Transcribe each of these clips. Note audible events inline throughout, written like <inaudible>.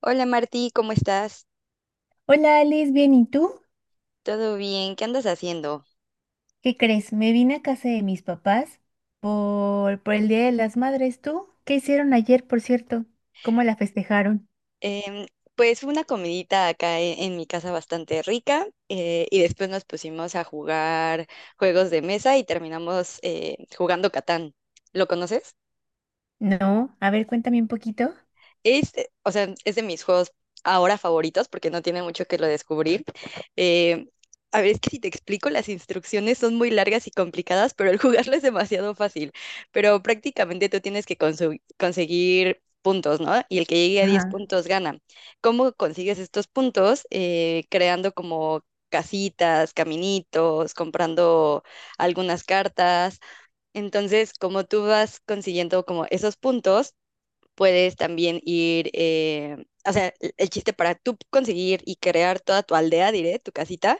Hola Martí, ¿cómo estás? Hola Alice, bien, ¿y tú? ¿Todo bien? ¿Qué andas haciendo? ¿Qué crees? Me vine a casa de mis papás por el Día de las Madres. ¿Tú? ¿Qué hicieron ayer, por cierto? ¿Cómo la festejaron? Em, pues una comidita acá en mi casa, bastante rica, y después nos pusimos a jugar juegos de mesa y terminamos jugando Catán. ¿Lo conoces? No, a ver, cuéntame un poquito. O sea, es de mis juegos ahora favoritos porque no tiene mucho que lo descubrir. Eh, a ver, es que si te explico, las instrucciones son muy largas y complicadas, pero el <laughs> jugarlo es demasiado fácil. Pero prácticamente tú tienes que conseguir puntos, ¿no? Y el que llegue a 10 Ajá. puntos gana. ¿Cómo consigues estos puntos? Creando como casitas, caminitos, comprando algunas cartas. Entonces, como tú vas consiguiendo como esos puntos, puedes también ir, o sea, el chiste para tú conseguir y crear toda tu aldea, diré, tu casita,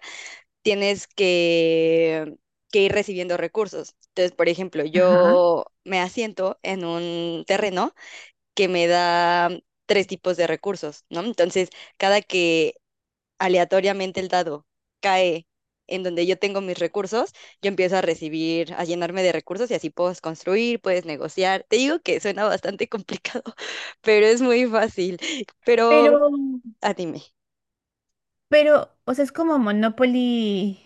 tienes que, que ir recibiendo recursos. Entonces, por ejemplo, Ah, yo me asiento en un terreno que me da tres tipos de recursos, ¿no? Entonces, cada que aleatoriamente el dado cae en donde yo tengo mis recursos, yo empiezo a recibir, a llenarme de recursos y así puedes construir, puedes negociar. Te digo que suena bastante complicado, <laughs> pero es muy fácil. Pero, Pero, ah, dime, pero o sea, es como Monopoly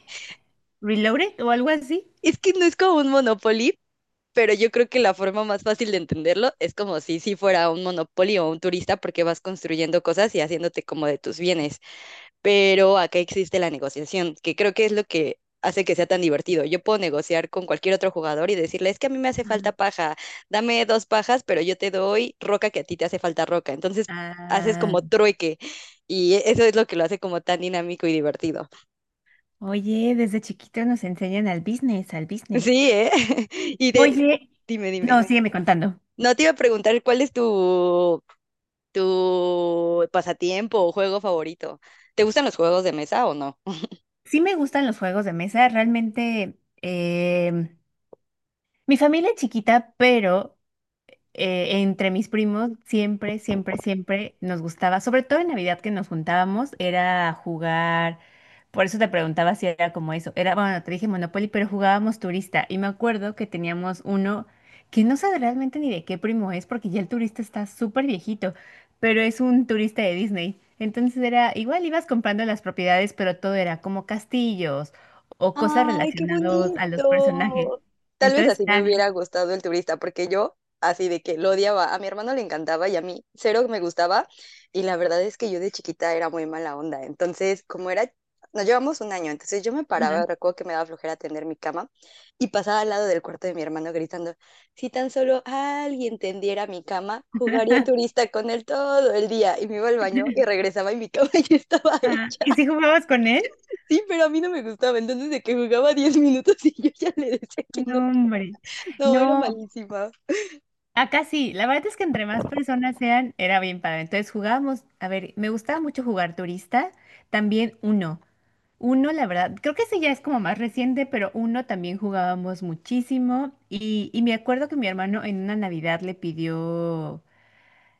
Reloaded o algo así. es que no es como un Monopoly, pero yo creo que la forma más fácil de entenderlo es como si fuera un Monopoly o un turista porque vas construyendo cosas y haciéndote como de tus bienes. Pero acá existe la negociación, que creo que es lo que hace que sea tan divertido. Yo puedo negociar con cualquier otro jugador y decirle, es que a mí me hace falta Ajá. paja, dame dos pajas, pero yo te doy roca, que a ti te hace falta roca. Entonces haces Ah, como trueque y eso es lo que lo hace como tan dinámico y divertido. oye, desde chiquito nos enseñan al business, al business. Sí, ¿eh? <laughs> Y de... Oye, dime, no, dime. sígueme contando. No, te iba a preguntar cuál es tu pasatiempo o juego favorito. ¿Te gustan los juegos de mesa o no? Sí me gustan los juegos de mesa, realmente em, mi familia es chiquita, pero entre mis primos siempre, siempre, siempre nos gustaba, sobre todo en Navidad que nos juntábamos, era jugar. Por eso te preguntaba si era como eso. Era, bueno, te dije Monopoly, pero jugábamos turista. Y me acuerdo que teníamos uno que no sé realmente ni de qué primo es, porque ya el turista está súper viejito, pero es un turista de Disney. Entonces era, igual ibas comprando las propiedades, pero todo era como castillos o cosas Ay, qué relacionadas a los personajes. bonito. Tal vez Entonces, así me está. hubiera gustado el turista, porque yo así de que lo odiaba. A mi hermano le encantaba y a mí cero me gustaba. Y la verdad es que yo de chiquita era muy mala onda. Entonces, como era, nos llevamos un año, entonces yo me paraba, Ajá. recuerdo que me daba flojera tender mi cama y pasaba al lado del cuarto de mi hermano gritando, si tan solo alguien tendiera mi cama, jugaría <laughs> turista con él todo el día. Y me iba al baño y regresaba y mi cama <laughs> ya estaba Ah, hecha. ¿y si jugabas con él? Sí, pero a mí no me gustaba. Entonces, de que jugaba 10 minutos y yo ya le decía que no. No, hombre. No, era No, malísima. acá sí. La verdad es que entre más personas sean, era bien padre. Entonces jugábamos, a ver, me gustaba mucho jugar turista, también uno. Uno, la verdad, creo que ese ya es como más reciente, pero uno también jugábamos muchísimo. Y me acuerdo que mi hermano en una Navidad le pidió.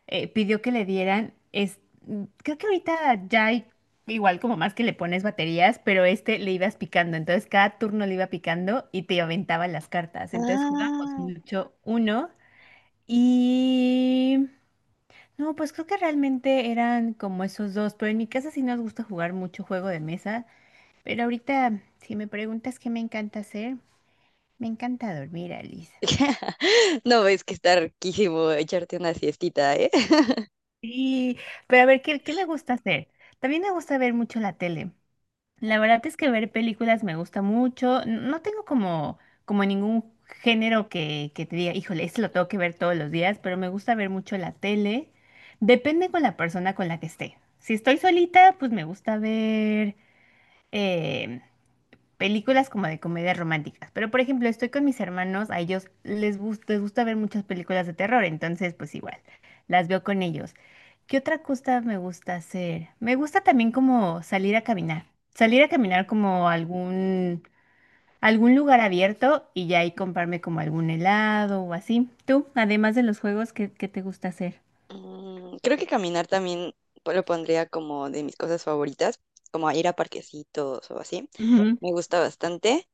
Pidió que le dieran, es, creo que ahorita ya hay igual como más que le pones baterías, pero este le ibas picando, entonces cada turno le iba picando y te aventaba las cartas, entonces jugamos Ah, mucho uno y... No, pues creo que realmente eran como esos dos, pero en mi casa sí nos gusta jugar mucho juego de mesa, pero ahorita si me preguntas qué me encanta hacer, me encanta dormir, Alice. <laughs> ¿no ves que está riquísimo echarte una siestita, eh? <laughs> Sí, pero a ver, ¿qué me gusta hacer? También me gusta ver mucho la tele. La verdad es que ver películas me gusta mucho. N- No tengo como, como ningún género que te diga, híjole, esto lo tengo que ver todos los días, pero me gusta ver mucho la tele. Depende con la persona con la que esté. Si estoy solita, pues me gusta ver, em, películas como de comedias románticas. Pero, por ejemplo, estoy con mis hermanos, a ellos les gusta ver muchas películas de terror, entonces, pues igual, las veo con ellos. ¿Qué otra cosa me gusta hacer? Me gusta también como salir a caminar. Salir a caminar Mm, como a algún, algún lugar abierto y ya ahí comprarme como algún helado o así. Tú, además de los juegos, ¿qué te gusta hacer? Creo que caminar también lo pondría como de mis cosas favoritas, como a ir a parquecitos o así. Ujú. Me gusta bastante.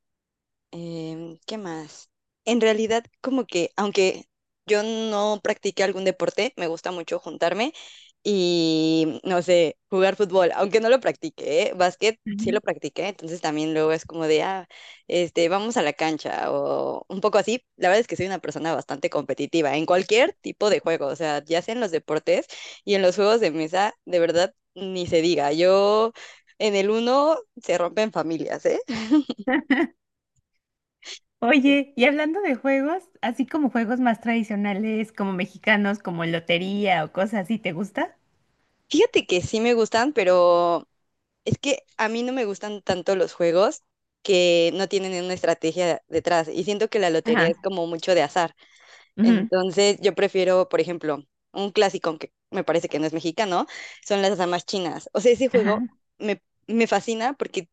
¿Qué más? En realidad, como que, aunque yo no practique algún deporte, me gusta mucho juntarme y, no sé, jugar fútbol, aunque no lo practique, ¿eh? Básquet sí lo practiqué, entonces también luego es como de, ah, este, vamos a la cancha o un poco así. La verdad es que soy una persona bastante competitiva en cualquier tipo de juego, o sea, ya sea en los deportes y en los juegos de mesa, de verdad, ni se diga. Yo en el uno se rompen familias, ¿eh? Oye, y hablando de juegos, así como juegos más tradicionales, como mexicanos, como lotería o cosas así, ¿te gusta? Fíjate que sí me gustan, pero es que a mí no me gustan tanto los juegos que no tienen una estrategia detrás y siento que la lotería Ajá, es como mucho de azar. ujú, Entonces yo prefiero, por ejemplo, un clásico que me parece que no es mexicano, son las damas chinas. O sea, ese juego ajá, me fascina porque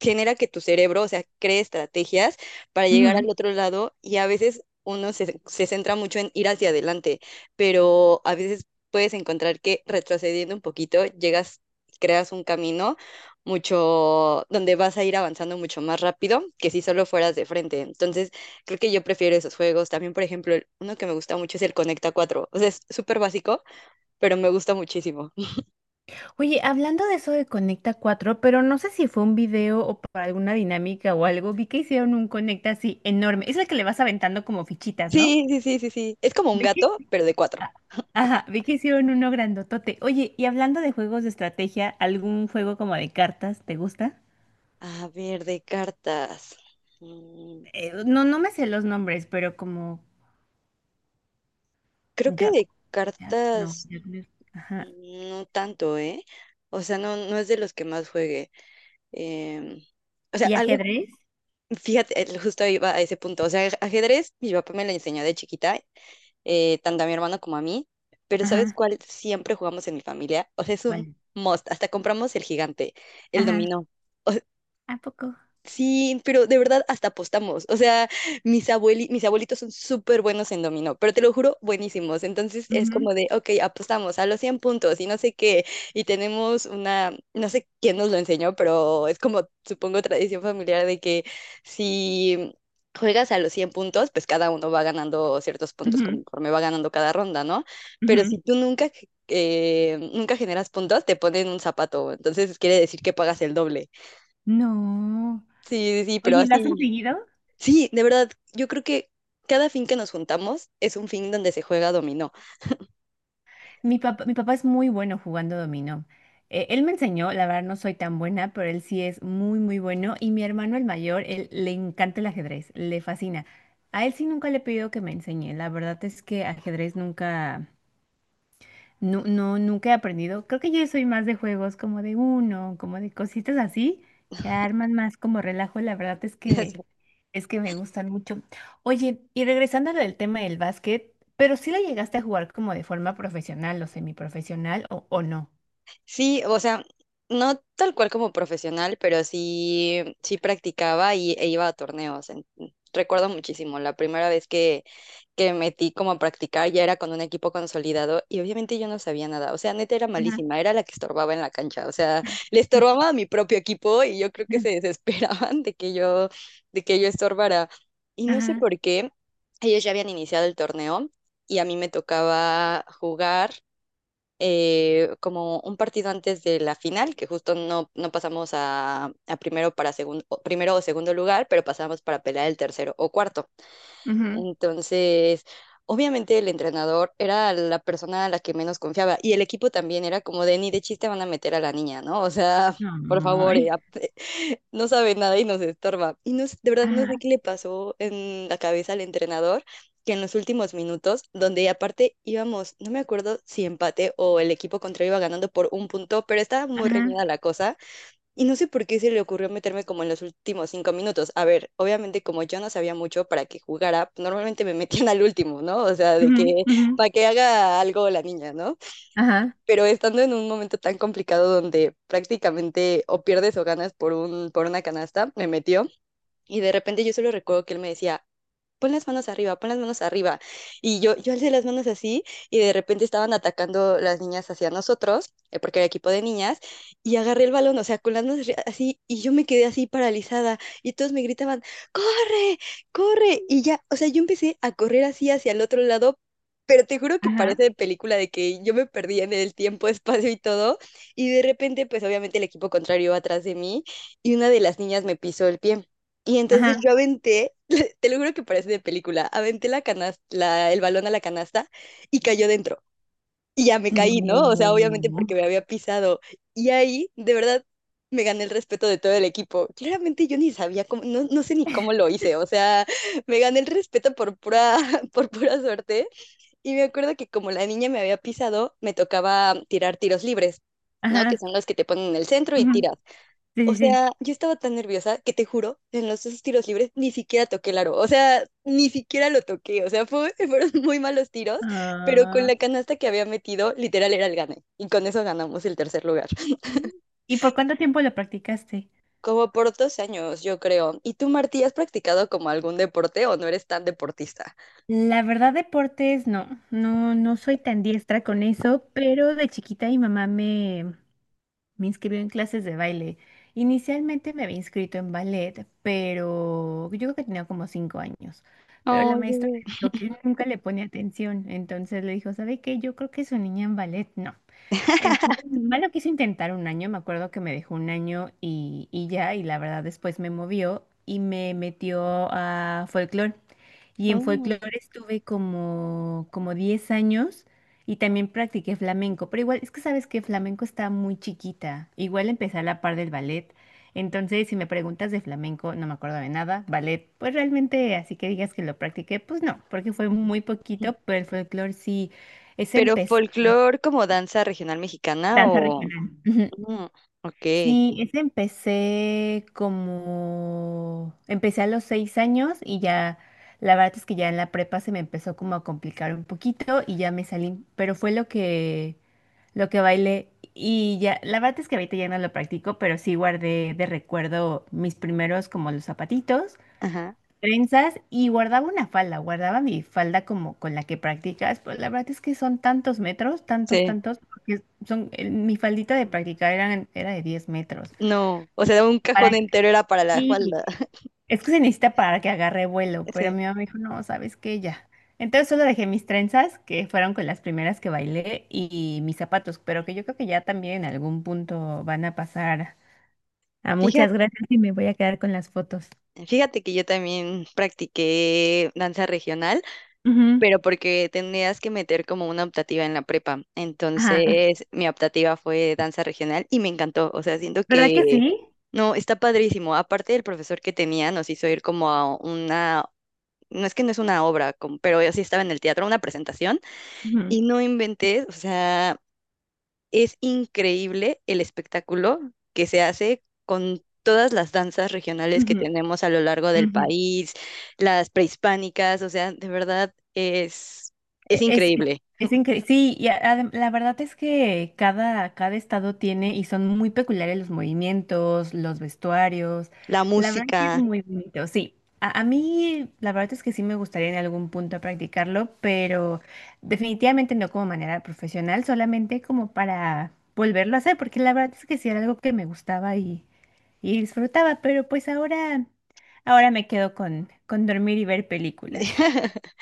genera que tu cerebro, o sea, cree estrategias para llegar ujú. al otro lado y a veces uno se centra mucho en ir hacia adelante, pero a veces puedes encontrar que retrocediendo un poquito llegas, creas un camino mucho, donde vas a ir avanzando mucho más rápido que si solo fueras de frente. Entonces, creo que yo prefiero esos juegos. También, por ejemplo, uno que me gusta mucho es el Conecta cuatro. O sea, es súper básico, pero me gusta muchísimo. Oye, hablando de eso de Conecta cuatro, pero no sé si fue un video o para alguna dinámica o algo, vi que hicieron un Conecta así enorme. Es el que le vas aventando como fichitas, ¿no? Sí, sí, sí, sí, sí. Es como un Ve que- gato, pero de cuatro. Ah, ajá, vi que hicieron uno grandotote. Oye, y hablando de juegos de estrategia, ¿algún juego como de cartas te gusta? A ver, de cartas. Mm, No, no me sé los nombres, pero como Creo que yo, de ya- No, cartas ya con el- Ajá. no tanto, ¿eh? O sea, no, no es de los que más juegue. Em, o sea, ¿Y algo, ajedrez? fíjate, justo iba a ese punto. O sea, ajedrez, mi papá me lo enseñó de chiquita, tanto a mi hermano como a mí. Pero ¿sabes Ajá, cuál siempre jugamos en mi familia? O sea, es un vale. must. Hasta compramos el gigante, el Ajá. dominó. ¿A poco? Sí, pero de verdad hasta apostamos. O sea, mis abuelitos son súper buenos en dominó, pero te lo juro, buenísimos. Entonces es Ujú, como de, ok, apostamos a los 100 puntos y no sé qué. Y tenemos una, no sé quién nos lo enseñó, pero es como, supongo, tradición familiar de que si juegas a los 100 puntos, pues cada uno va ganando ciertos puntos ujú, conforme va ganando cada ronda, ¿no? Pero ujú. si tú nunca, nunca generas puntos, te ponen un zapato. Entonces quiere decir que pagas el doble. No. Sí, sí, sí, pero Oye, ¿la has así. conseguido? Sí, de verdad, yo creo que cada fin que nos juntamos es un fin donde se juega dominó. Mi papá es muy bueno jugando dominó. Él me enseñó, la verdad no soy tan buena, pero él sí es muy, muy bueno. Y mi hermano el mayor, él le encanta el ajedrez, le fascina. A él sí nunca le he pedido que me enseñe. La verdad es que ajedrez nunca, no, no, nunca he aprendido. Creo que yo soy más de juegos como de uno, como de cositas así, que arman más como relajo. La verdad es que <laughs> me gustan mucho. Oye, y regresando al tema del básquet, pero sí la llegaste a jugar como de forma profesional o semiprofesional o no. Sí, o sea, no tal cual como profesional, pero sí, sí practicaba y, e iba a torneos. Recuerdo muchísimo, la primera vez que metí como a practicar, ya era con un equipo consolidado y obviamente yo no sabía nada. O sea, neta era Ajá, malísima, era la que estorbaba en la cancha. O sea, le estorbaba a <laughs> mi propio equipo y yo creo que se <laughs> desesperaban de que yo estorbara. Y no sé ajá, por qué, ellos ya habían iniciado el torneo y a mí me tocaba jugar como un partido antes de la final, que justo no pasamos a primero, para segundo, primero o segundo lugar, pero pasamos para pelear el tercero o cuarto. ujú. Entonces, obviamente el entrenador era la persona a la que menos confiaba y el equipo también era como de ni de chiste van a meter a la niña, ¿no? O sea, <laughs> por favor, Ay, no sabe nada y nos estorba. Y no, de verdad no sé ajá, qué le pasó en la cabeza al entrenador, que en los últimos minutos, donde aparte íbamos, no me acuerdo si empate o el equipo contrario iba ganando por un punto, pero estaba muy ajá, reñida la cosa. Y no sé por qué se le ocurrió meterme como en los últimos 5 minutos. A ver, obviamente como yo no sabía mucho para que jugara, pues, normalmente me metían al último, ¿no? O sea, de ujú, que ujú, para que haga algo la niña, ¿no? ajá, Pero estando en un momento tan complicado donde prácticamente o pierdes o ganas por por una canasta, me metió. Y de repente yo solo recuerdo que él me decía, pon las manos arriba, pon las manos arriba. Y yo alcé las manos así y de repente estaban atacando las niñas hacia nosotros, porque era equipo de niñas, y agarré el balón, o sea, con las manos así, y yo me quedé así paralizada y todos me gritaban, corre, corre. Y ya, o sea, yo empecé a correr así hacia el otro lado. Pero te juro que parece ajá, de película de que yo me perdía en el tiempo, <laughs> espacio y todo. Y de repente, pues obviamente el equipo contrario iba atrás de mí y una de las niñas me pisó el pie. Y entonces ajá. yo aventé, te lo juro que parece de película. Aventé la canasta, el balón a la canasta y cayó dentro. Y ya me caí, ¿no? O sea, obviamente No. porque me había pisado. Y ahí, de verdad, me gané el respeto de todo el equipo. Claramente yo ni sabía cómo, no sé ni cómo lo hice. O sea, <laughs> me gané el respeto por pura, <laughs> por pura suerte. Y me acuerdo que como la niña me había pisado, me tocaba tirar tiros libres, ¿no? Que Ajá. son los que te ponen en el centro y Ujú, tiras. O sí, sí, sí. sea, yo estaba tan nerviosa que te juro, en los esos tiros libres ni siquiera toqué el aro. O sea, ni siquiera lo toqué. O sea, <laughs> fueron muy malos tiros, pero con Ah. la canasta que había metido, literal era el gane. Y con eso ganamos el tercer lugar. Mm. ¿Y por cuánto tiempo lo practicaste? Como por 2 años, yo creo. ¿Y tú, Martí, has practicado como algún deporte o no eres tan deportista? La verdad, deportes, no, no, no soy tan diestra con eso, pero de chiquita me inscribió en clases de baile. Inicialmente me había inscrito en ballet, pero yo creo que tenía como 5 años. Pero la Ay, maestra bebé. me dijo que nunca le ponía atención, entonces le dijo, ¿sabe qué? Yo creo que su niña en ballet no. Entonces, mi mamá lo quiso intentar un año, me acuerdo que me dejó un año y ya, y la verdad después me movió y me metió a folclore. Y en Ay. folclore estuve como, como 10 años y también practiqué flamenco, pero igual es que sabes que flamenco está muy chiquita, igual empecé a la par del ballet. Entonces, si me preguntas de flamenco, no me acuerdo de nada. Ballet, pues realmente, así que digas que lo practiqué, pues no, porque fue muy poquito, pero el folclore sí es Pero empezar. folclore como danza regional mexicana Danza o... regional. Ujú. Mm, ok, Sí, ese empecé como, empecé a los 6 años y ya, la verdad es que ya en la prepa se me empezó como a complicar un poquito y ya me salí, pero fue lo que bailé y ya, la verdad es que ahorita ya no lo practico, pero sí guardé de recuerdo mis primeros como los zapatitos, ajá, trenzas y guardaba una falda, guardaba mi falda como con la que practicas, pues la verdad es que son tantos metros, tantos, sí, tantos, porque son, el- mi faldita de practicar eran, era de 10 metros. no, o sea, un cajón Para entero era para la falda, sí, <laughs> es que se necesita para que agarre vuelo, pero sí. mi mamá me dijo, no, ¿sabes qué? Ya. Entonces solo dejé mis trenzas, que fueron con las primeras que bailé, y mis zapatos, pero que yo creo que ya también en algún punto van a pasar a muchas Fíjate, gracias y me voy a quedar con las fotos. fíjate que yo también practiqué danza regional, Ujú, pero porque tenías que meter como una optativa en la prepa, ajá. entonces mi optativa fue danza regional y me encantó, o sea, siento ¿Verdad que que, sí? no, está padrísimo, aparte del profesor que tenía nos hizo ir como a una... No es que no es una obra, como- pero yo sí estaba en el teatro, una presentación, Ujú, y no inventé, o sea, es increíble el espectáculo que se hace con todas las danzas regionales que ujú, tenemos a lo largo del ujú. país, las prehispánicas, o sea, de verdad es E- increíble. es increíble. Sí, y a- adem- la verdad es que cada, cada estado tiene y son muy peculiares los movimientos, los vestuarios. La La verdad que es música. muy bonito. Sí, a mí la verdad es que sí me gustaría en algún punto practicarlo, pero definitivamente no como manera profesional, solamente como para volverlo a hacer, porque la verdad es que sí era algo que me gustaba y disfrutaba, pero pues ahora, ahora me quedo con dormir y ver películas. <laughs>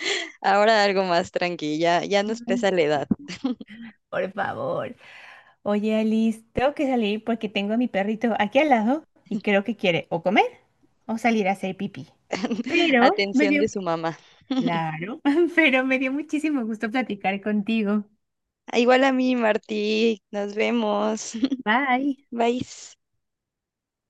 Ahora algo más tranquila, ya nos Ay, pesa la sí, edad. por favor. Oye, Alice, tengo que salir porque tengo a mi perrito aquí al lado y creo que quiere o comer o salir a hacer pipí. <laughs> Pero me Atención dio, de su mamá. claro, <laughs> pero me dio muchísimo gusto platicar contigo. Ah, igual a mí, Martí, nos vemos. Bye. <laughs> Bye.